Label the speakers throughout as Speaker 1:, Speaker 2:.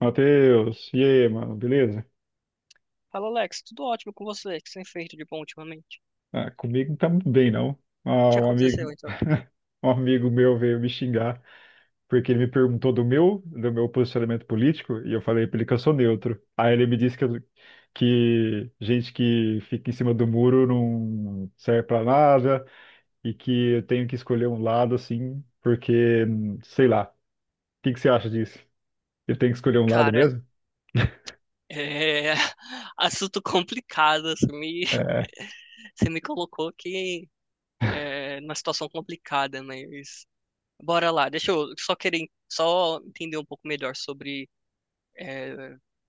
Speaker 1: Matheus, e aí, mano, beleza?
Speaker 2: Fala, Alex, tudo ótimo com você? O que você tem feito de bom ultimamente?
Speaker 1: Ah, comigo não tá muito bem, não.
Speaker 2: O
Speaker 1: Ah,
Speaker 2: que
Speaker 1: um amigo,
Speaker 2: aconteceu, então?
Speaker 1: um amigo meu veio me xingar porque ele me perguntou do meu posicionamento político e eu falei pra ele que eu sou neutro. Aí ele me disse que gente que fica em cima do muro não serve pra nada e que eu tenho que escolher um lado, assim, porque, sei lá. O que que você acha disso? Eu tenho que escolher um lado
Speaker 2: Cara,
Speaker 1: mesmo?
Speaker 2: é... Assunto complicado, você me.
Speaker 1: É,
Speaker 2: Você me colocou aqui numa situação complicada, mas... Bora lá, deixa eu só querer... Só entender um pouco melhor sobre é,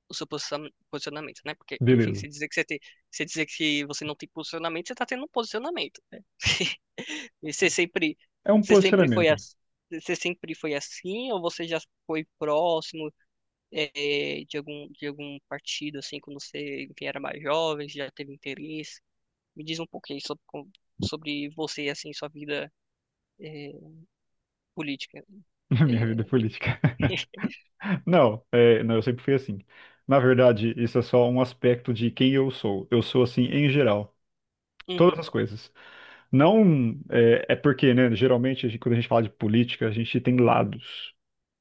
Speaker 2: o seu posicionamento, né? Porque, enfim,
Speaker 1: beleza.
Speaker 2: se dizer que você tem, se dizer que você não tem posicionamento, você tá tendo um posicionamento, né? E
Speaker 1: É um
Speaker 2: você sempre foi
Speaker 1: posicionamento
Speaker 2: assim, você sempre foi assim, ou você já foi próximo de algum partido assim, quando você enfim, era mais jovem, já teve interesse? Me diz um pouquinho sobre sobre você assim, sua vida é, política.
Speaker 1: na minha vida
Speaker 2: É,
Speaker 1: política. Não, é, não, eu sempre fui assim. Na verdade, isso é só um aspecto de quem eu sou. Eu sou assim em geral. Todas
Speaker 2: uhum.
Speaker 1: as coisas. Não é, é porque, né? Geralmente, quando a gente fala de política, a gente tem lados.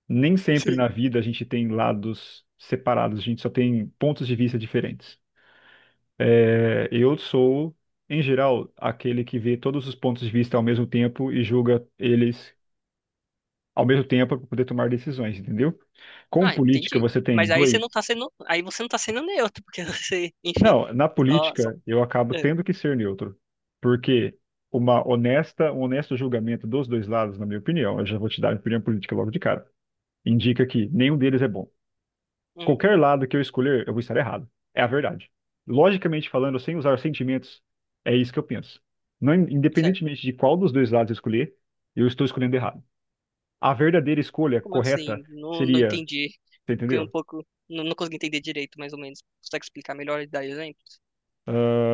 Speaker 1: Nem sempre na vida a gente tem lados separados, a gente só tem pontos de vista diferentes. É, eu sou, em geral, aquele que vê todos os pontos de vista ao mesmo tempo e julga eles ao mesmo tempo para poder tomar decisões, entendeu? Com
Speaker 2: Ah,
Speaker 1: política,
Speaker 2: entendi.
Speaker 1: você tem
Speaker 2: Mas aí você
Speaker 1: dois.
Speaker 2: não tá sendo. Aí você não tá sendo neutro, porque você, enfim,
Speaker 1: Não, na
Speaker 2: só.
Speaker 1: política eu acabo
Speaker 2: é,
Speaker 1: tendo que ser neutro, porque um honesto julgamento dos dois lados, na minha opinião, eu já vou te dar a opinião política logo de cara, indica que nenhum deles é bom.
Speaker 2: hum,
Speaker 1: Qualquer lado que eu escolher, eu vou estar errado. É a verdade. Logicamente falando, sem usar sentimentos, é isso que eu penso. Não,
Speaker 2: certo.
Speaker 1: independentemente de qual dos dois lados eu escolher, eu estou escolhendo errado. A verdadeira escolha
Speaker 2: Como
Speaker 1: correta
Speaker 2: assim? Não, não
Speaker 1: seria,
Speaker 2: entendi.
Speaker 1: você
Speaker 2: Fiquei um
Speaker 1: entendeu?
Speaker 2: pouco. Não, não consegui entender direito, mais ou menos. Consegue explicar melhor e dar exemplos?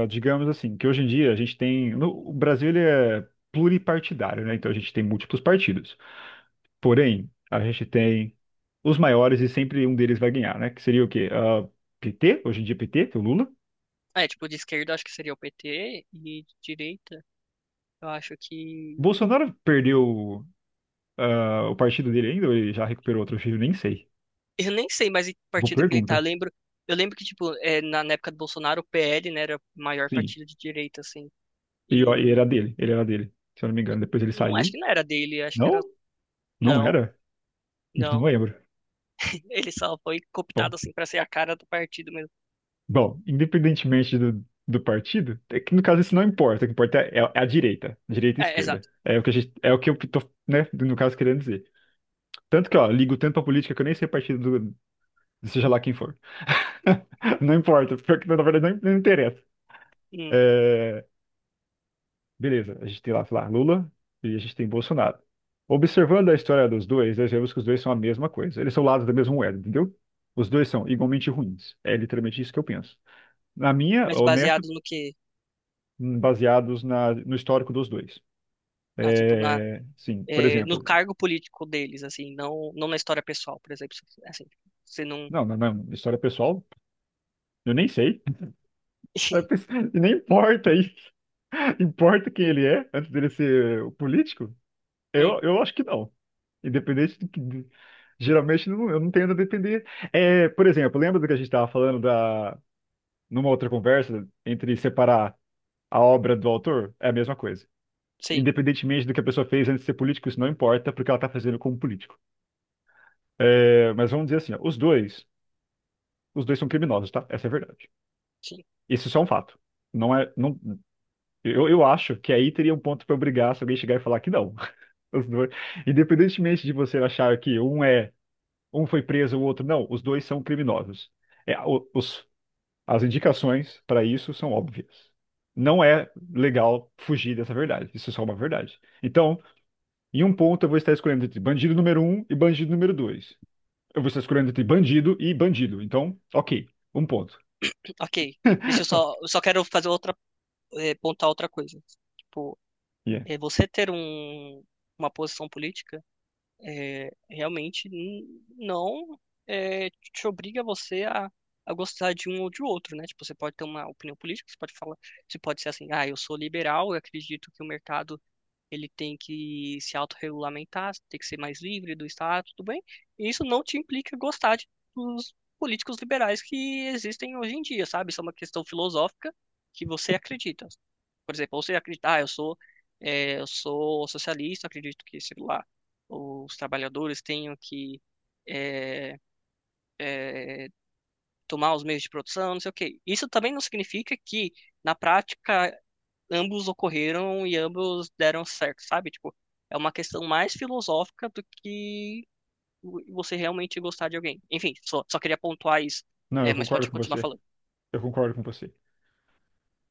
Speaker 1: Ah, digamos assim, que hoje em dia a gente tem. No, o Brasil ele é pluripartidário, né? Então a gente tem múltiplos partidos. Porém, a gente tem os maiores e sempre um deles vai ganhar, né? Que seria o quê? Ah, PT, hoje em dia PT, que é o Lula.
Speaker 2: Ah, é, tipo, de esquerda eu acho que seria o PT, e de direita eu acho que.
Speaker 1: Bolsonaro perdeu o partido dele ainda, ou ele já recuperou outro filho, nem sei.
Speaker 2: Eu nem sei mais em que
Speaker 1: Boa
Speaker 2: partido que ele tá.
Speaker 1: pergunta.
Speaker 2: Eu lembro que, tipo, é, na época do Bolsonaro, o PL, né, era o maior
Speaker 1: Sim.
Speaker 2: partido de direita, assim.
Speaker 1: E, ó, e era
Speaker 2: E.
Speaker 1: dele, ele era dele, se eu não me engano. Depois ele
Speaker 2: Não, acho
Speaker 1: saiu.
Speaker 2: que não era dele, acho que era.
Speaker 1: Não? Não
Speaker 2: Não.
Speaker 1: era? Não
Speaker 2: Não,
Speaker 1: lembro.
Speaker 2: ele só foi
Speaker 1: Bom.
Speaker 2: cooptado assim pra ser a cara do partido mesmo.
Speaker 1: Bom, independentemente do partido, é que no caso isso não importa, o que importa é a direita, direita e
Speaker 2: É,
Speaker 1: esquerda.
Speaker 2: exato.
Speaker 1: É o que a gente, é o que eu tô, né, no caso, querendo dizer. Tanto que, ó, ligo tanto pra política que eu nem sei partido do, seja lá quem for. Não importa, porque na verdade não interessa.
Speaker 2: Hum.
Speaker 1: É, beleza, a gente tem lá, sei lá, Lula e a gente tem Bolsonaro. Observando a história dos dois, nós vemos que os dois são a mesma coisa. Eles são lados da mesma moeda, entendeu? Os dois são igualmente ruins. É literalmente isso que eu penso. Na minha
Speaker 2: Mas
Speaker 1: honesta
Speaker 2: baseado no quê?
Speaker 1: baseados no histórico dos dois.
Speaker 2: Ah, tipo, na,
Speaker 1: É, sim, por
Speaker 2: é, no
Speaker 1: exemplo,
Speaker 2: cargo político deles, assim, não, não na história pessoal, por exemplo. Assim, você não.
Speaker 1: não, não, não, história pessoal, eu nem sei, Eu pens- e nem importa aí, importa quem ele é antes dele ser o político? Eu,
Speaker 2: Hum,
Speaker 1: eu acho que não, independente do que. Geralmente eu não tendo a depender. É, por exemplo, lembra do que a gente estava falando da, numa outra conversa entre separar a obra do autor? É a mesma coisa.
Speaker 2: sim,
Speaker 1: Independentemente do que a pessoa fez antes de ser político, isso não importa, porque ela está fazendo como político. É, mas vamos dizer assim, ó, os dois são criminosos, tá? Essa é a verdade.
Speaker 2: sim.
Speaker 1: Isso só é um fato. Não é, não, eu acho que aí teria um ponto pra eu brigar se alguém chegar e falar que não. Os dois, independentemente de você achar que um é, um foi preso, o outro não, os dois são criminosos. É, o- os, as indicações para isso são óbvias. Não é legal fugir dessa verdade. Isso é só uma verdade. Então, em um ponto eu vou estar escolhendo entre bandido número um e bandido número dois. Eu vou estar escolhendo entre bandido e bandido. Então, ok, um ponto.
Speaker 2: Ok. Deixa eu só. Eu só quero fazer outra. É, pontar outra coisa. Tipo,
Speaker 1: Yeah.
Speaker 2: é, você ter um, uma posição política. Realmente não te obriga você a gostar de um ou de outro, né? Tipo, você pode ter uma opinião política, você pode falar, você pode ser assim, ah, eu sou liberal, eu acredito que o mercado ele tem que se autorregulamentar, tem que ser mais livre do Estado, tudo bem? E isso não te implica gostar de, dos políticos liberais que existem hoje em dia, sabe? Isso é uma questão filosófica que você acredita. Por exemplo, você acreditar, ah, eu sou, eu sou socialista, acredito que, sei lá, os trabalhadores tenham que eh, eh, tomar os meios de produção, não sei o quê. Isso também não significa que, na prática, ambos ocorreram e ambos deram certo, sabe? Tipo, é uma questão mais filosófica do que você realmente gostar de alguém. Enfim, só queria pontuar isso.
Speaker 1: Não,
Speaker 2: É,
Speaker 1: eu
Speaker 2: mas pode
Speaker 1: concordo com
Speaker 2: continuar
Speaker 1: você.
Speaker 2: falando.
Speaker 1: Eu concordo com você.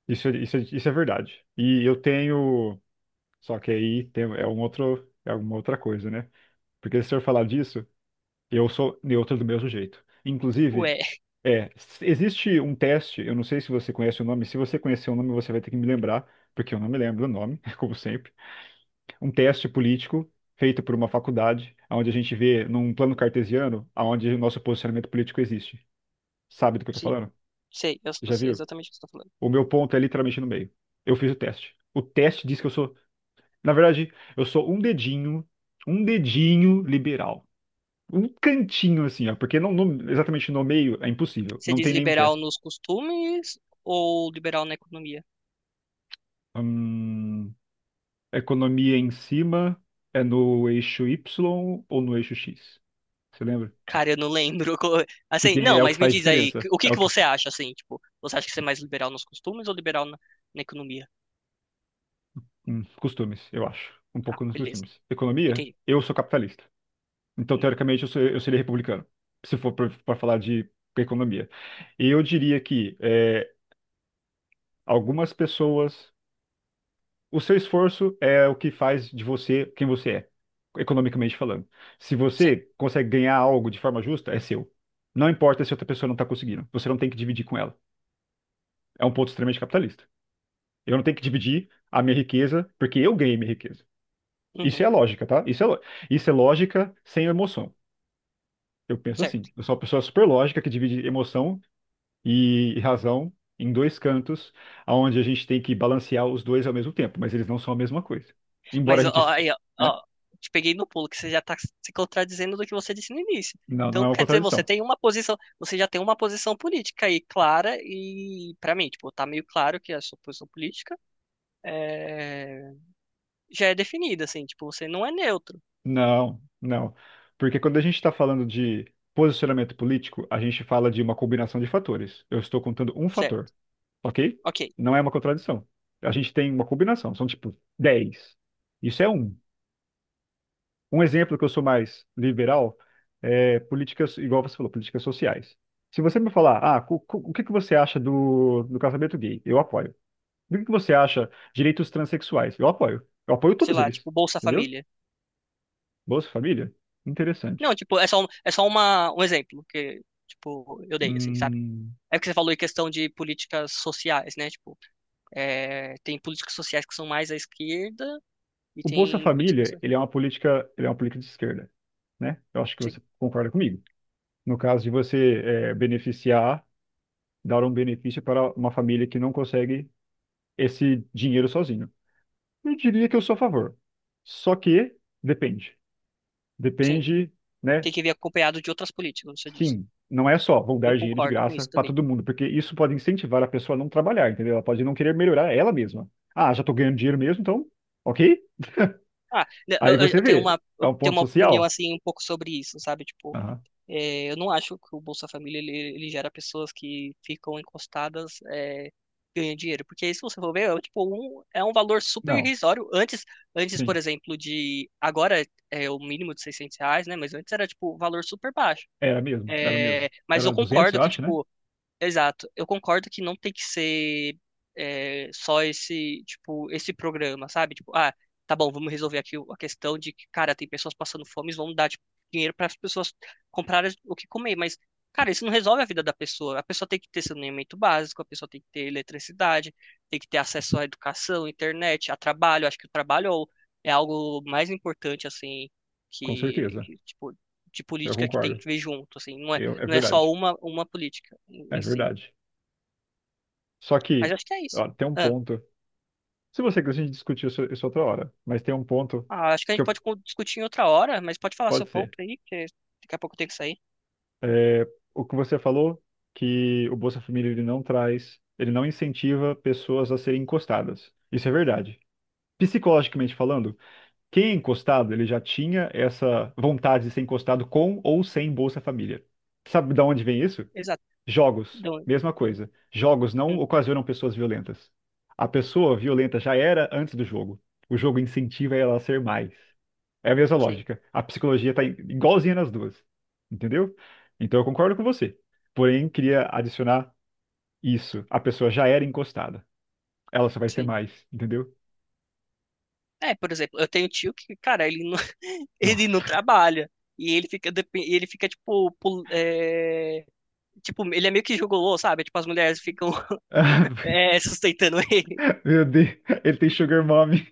Speaker 1: Isso, é- isso, é- isso é verdade. E eu tenho. Só que aí tem, é um outro, é uma outra coisa, né? Porque se eu falar disso, eu sou neutro do mesmo jeito. Inclusive,
Speaker 2: Ué,
Speaker 1: é, existe um teste, eu não sei se você conhece o nome. Se você conhecer o nome, você vai ter que me lembrar, porque eu não me lembro o nome, como sempre. Um teste político feito por uma faculdade, onde a gente vê num plano cartesiano aonde o nosso posicionamento político existe. Sabe do que eu tô
Speaker 2: sim,
Speaker 1: falando?
Speaker 2: sei, eu
Speaker 1: Já
Speaker 2: sei
Speaker 1: viu?
Speaker 2: exatamente o que você tá falando.
Speaker 1: O meu ponto é literalmente no meio. Eu fiz o teste. O teste diz que eu sou, na verdade, eu sou um dedinho liberal. Um cantinho assim, ó, porque exatamente no meio é impossível,
Speaker 2: Você
Speaker 1: não
Speaker 2: diz
Speaker 1: tem nenhum
Speaker 2: liberal
Speaker 1: teste.
Speaker 2: nos costumes ou liberal na economia?
Speaker 1: Hum, Economia em cima é no eixo Y ou no eixo X? Você lembra?
Speaker 2: Cara, eu não lembro. Assim,
Speaker 1: Porque
Speaker 2: não,
Speaker 1: é o que
Speaker 2: mas me
Speaker 1: faz
Speaker 2: diz aí,
Speaker 1: diferença.
Speaker 2: o
Speaker 1: É
Speaker 2: que
Speaker 1: o
Speaker 2: que
Speaker 1: que.
Speaker 2: você acha, assim, tipo, você acha que você é mais liberal nos costumes ou liberal na economia?
Speaker 1: Costumes, eu acho. Um
Speaker 2: Tá,
Speaker 1: pouco nos
Speaker 2: beleza,
Speaker 1: costumes. Economia,
Speaker 2: entendi.
Speaker 1: eu sou capitalista. Então,
Speaker 2: Hum,
Speaker 1: teoricamente, eu seria republicano, se for para falar de economia. E eu diria que é, algumas pessoas. O seu esforço é o que faz de você quem você é, economicamente falando. Se
Speaker 2: Sim,
Speaker 1: você consegue ganhar algo de forma justa, é seu. Não importa se outra pessoa não está conseguindo. Você não tem que dividir com ela. É um ponto extremamente capitalista. Eu não tenho que dividir a minha riqueza porque eu ganhei minha riqueza. Isso
Speaker 2: uhum,
Speaker 1: é a lógica, tá? Isso é lógica sem emoção. Eu penso assim.
Speaker 2: certo.
Speaker 1: Eu sou uma pessoa super lógica que divide emoção e razão em dois cantos, onde a gente tem que balancear os dois ao mesmo tempo, mas eles não são a mesma coisa. Embora
Speaker 2: Mas
Speaker 1: a gente,
Speaker 2: ó, aí, ó,
Speaker 1: né?
Speaker 2: ó, te peguei no pulo, que você já tá se contradizendo do que você disse no início.
Speaker 1: Não, não é
Speaker 2: Então,
Speaker 1: uma
Speaker 2: quer dizer, você
Speaker 1: contradição.
Speaker 2: tem uma posição, você já tem uma posição política aí clara e, pra mim, tipo, tá meio claro que a sua posição política é, já é definida, assim, tipo, você não é neutro,
Speaker 1: Não, não. Porque quando a gente está falando de posicionamento político, a gente fala de uma combinação de fatores. Eu estou contando um fator,
Speaker 2: certo?
Speaker 1: ok?
Speaker 2: Ok,
Speaker 1: Não é uma contradição. A gente tem uma combinação, são tipo 10. Isso é um. Um exemplo que eu sou mais liberal é políticas, igual você falou, políticas sociais. Se você me falar, ah, o que que você acha do, do casamento gay? Eu apoio. O que que você acha direitos transexuais? Eu apoio. Eu apoio
Speaker 2: sei
Speaker 1: todos
Speaker 2: lá,
Speaker 1: eles.
Speaker 2: tipo, Bolsa
Speaker 1: Entendeu?
Speaker 2: Família.
Speaker 1: Bolsa Família?
Speaker 2: Não,
Speaker 1: Interessante.
Speaker 2: tipo, é só, é só uma, um exemplo que, tipo, eu dei, assim, sabe?
Speaker 1: Hum,
Speaker 2: É porque você falou em questão de políticas sociais, né? Tipo, tem políticas sociais que são mais à esquerda e
Speaker 1: o Bolsa
Speaker 2: tem políticas.
Speaker 1: Família, ele é uma política de esquerda, né? Eu acho que
Speaker 2: Sim,
Speaker 1: você concorda comigo. No caso de você beneficiar, dar um benefício para uma família que não consegue esse dinheiro sozinho. Eu diria que eu sou a favor. Só que depende.
Speaker 2: sim.
Speaker 1: Depende, né?
Speaker 2: Tem que vir acompanhado de outras políticas, você disse.
Speaker 1: Sim, não é só vou
Speaker 2: Eu
Speaker 1: dar dinheiro de
Speaker 2: concordo com
Speaker 1: graça
Speaker 2: isso
Speaker 1: para
Speaker 2: também.
Speaker 1: todo mundo, porque isso pode incentivar a pessoa a não trabalhar, entendeu? Ela pode não querer melhorar ela mesma. Ah, já tô ganhando dinheiro mesmo, então, ok?
Speaker 2: Ah, né,
Speaker 1: Aí você vê, é
Speaker 2: eu
Speaker 1: um
Speaker 2: tenho
Speaker 1: ponto
Speaker 2: uma opinião
Speaker 1: social.
Speaker 2: assim um pouco sobre isso, sabe? Tipo,
Speaker 1: Aham.
Speaker 2: é, eu não acho que o Bolsa Família ele gera pessoas que ficam encostadas, é, ganham dinheiro, porque se você for ver, é tipo um, é um valor super
Speaker 1: Não,
Speaker 2: irrisório. Antes, antes, por
Speaker 1: sim,
Speaker 2: exemplo, de agora é o mínimo de R$ 600, né? Mas antes era tipo um valor super baixo.
Speaker 1: era mesmo, era mesmo.
Speaker 2: É, mas eu
Speaker 1: Era 200,
Speaker 2: concordo
Speaker 1: eu
Speaker 2: que
Speaker 1: acho, né?
Speaker 2: tipo exato. Eu concordo que não tem que ser é, só esse, tipo, esse programa, sabe? Tipo, ah, tá bom, vamos resolver aqui a questão de que, cara, tem pessoas passando fome, vamos dar, tipo, dinheiro para as pessoas comprarem o que comer, mas, cara, isso não resolve a vida da pessoa. A pessoa tem que ter saneamento básico, a pessoa tem que ter eletricidade, tem que ter acesso à educação, internet, a trabalho. Acho que o trabalho é é algo mais importante, assim,
Speaker 1: Com certeza,
Speaker 2: que, tipo, de
Speaker 1: eu
Speaker 2: política que tem
Speaker 1: concordo.
Speaker 2: que ver junto, assim, não é,
Speaker 1: Eu, é
Speaker 2: não é só
Speaker 1: verdade,
Speaker 2: uma política
Speaker 1: é
Speaker 2: em si.
Speaker 1: verdade. Só
Speaker 2: Mas
Speaker 1: que,
Speaker 2: acho que é isso.
Speaker 1: ó, tem um
Speaker 2: Ah,
Speaker 1: ponto. Se você quiser, a gente discutir isso outra hora, mas tem um ponto.
Speaker 2: ah, acho que a
Speaker 1: Que
Speaker 2: gente
Speaker 1: eu
Speaker 2: pode discutir em outra hora, mas pode falar
Speaker 1: Pode
Speaker 2: seu ponto
Speaker 1: ser.
Speaker 2: aí, que daqui a pouco eu tenho que sair.
Speaker 1: É, o que você falou, que o Bolsa Família ele não traz, ele não incentiva pessoas a serem encostadas. Isso é verdade. Psicologicamente falando, quem é encostado, ele já tinha essa vontade de ser encostado com ou sem Bolsa Família. Sabe de onde vem isso?
Speaker 2: Exato.
Speaker 1: Jogos.
Speaker 2: Não,
Speaker 1: Mesma coisa. Jogos não
Speaker 2: hum,
Speaker 1: ocasionam pessoas violentas. A pessoa violenta já era antes do jogo. O jogo incentiva ela a ser mais. É a mesma
Speaker 2: sim,
Speaker 1: lógica. A psicologia tá igualzinha nas duas. Entendeu? Então eu concordo com você. Porém, queria adicionar isso. A pessoa já era encostada. Ela só vai ser
Speaker 2: sim.
Speaker 1: mais, entendeu?
Speaker 2: É, por exemplo, eu tenho um tio que, cara, ele não, ele
Speaker 1: Nossa.
Speaker 2: não trabalha. E ele fica, e ele fica tipo, é, tipo, ele é meio que gigolô, sabe? Tipo, as mulheres ficam é, sustentando ele.
Speaker 1: Ah, meu Deus, ele tem sugar mommy.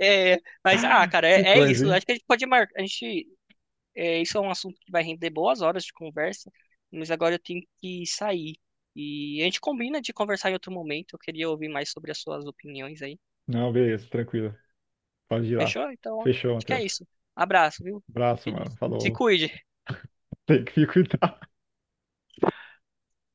Speaker 2: É, mas, ah, cara,
Speaker 1: Que
Speaker 2: é, é
Speaker 1: coisa,
Speaker 2: isso.
Speaker 1: hein?
Speaker 2: Acho que a gente pode marcar. A gente é, isso é um assunto que vai render boas horas de conversa, mas agora eu tenho que sair. E a gente combina de conversar em outro momento. Eu queria ouvir mais sobre as suas opiniões aí.
Speaker 1: Não, beleza, tranquilo. Pode ir lá.
Speaker 2: Fechou? Então,
Speaker 1: Fechou,
Speaker 2: acho que é
Speaker 1: Matheus.
Speaker 2: isso. Abraço, viu?
Speaker 1: Abraço,
Speaker 2: Se
Speaker 1: mano.
Speaker 2: se
Speaker 1: Falou.
Speaker 2: cuide.
Speaker 1: Tem que ficar cuidado.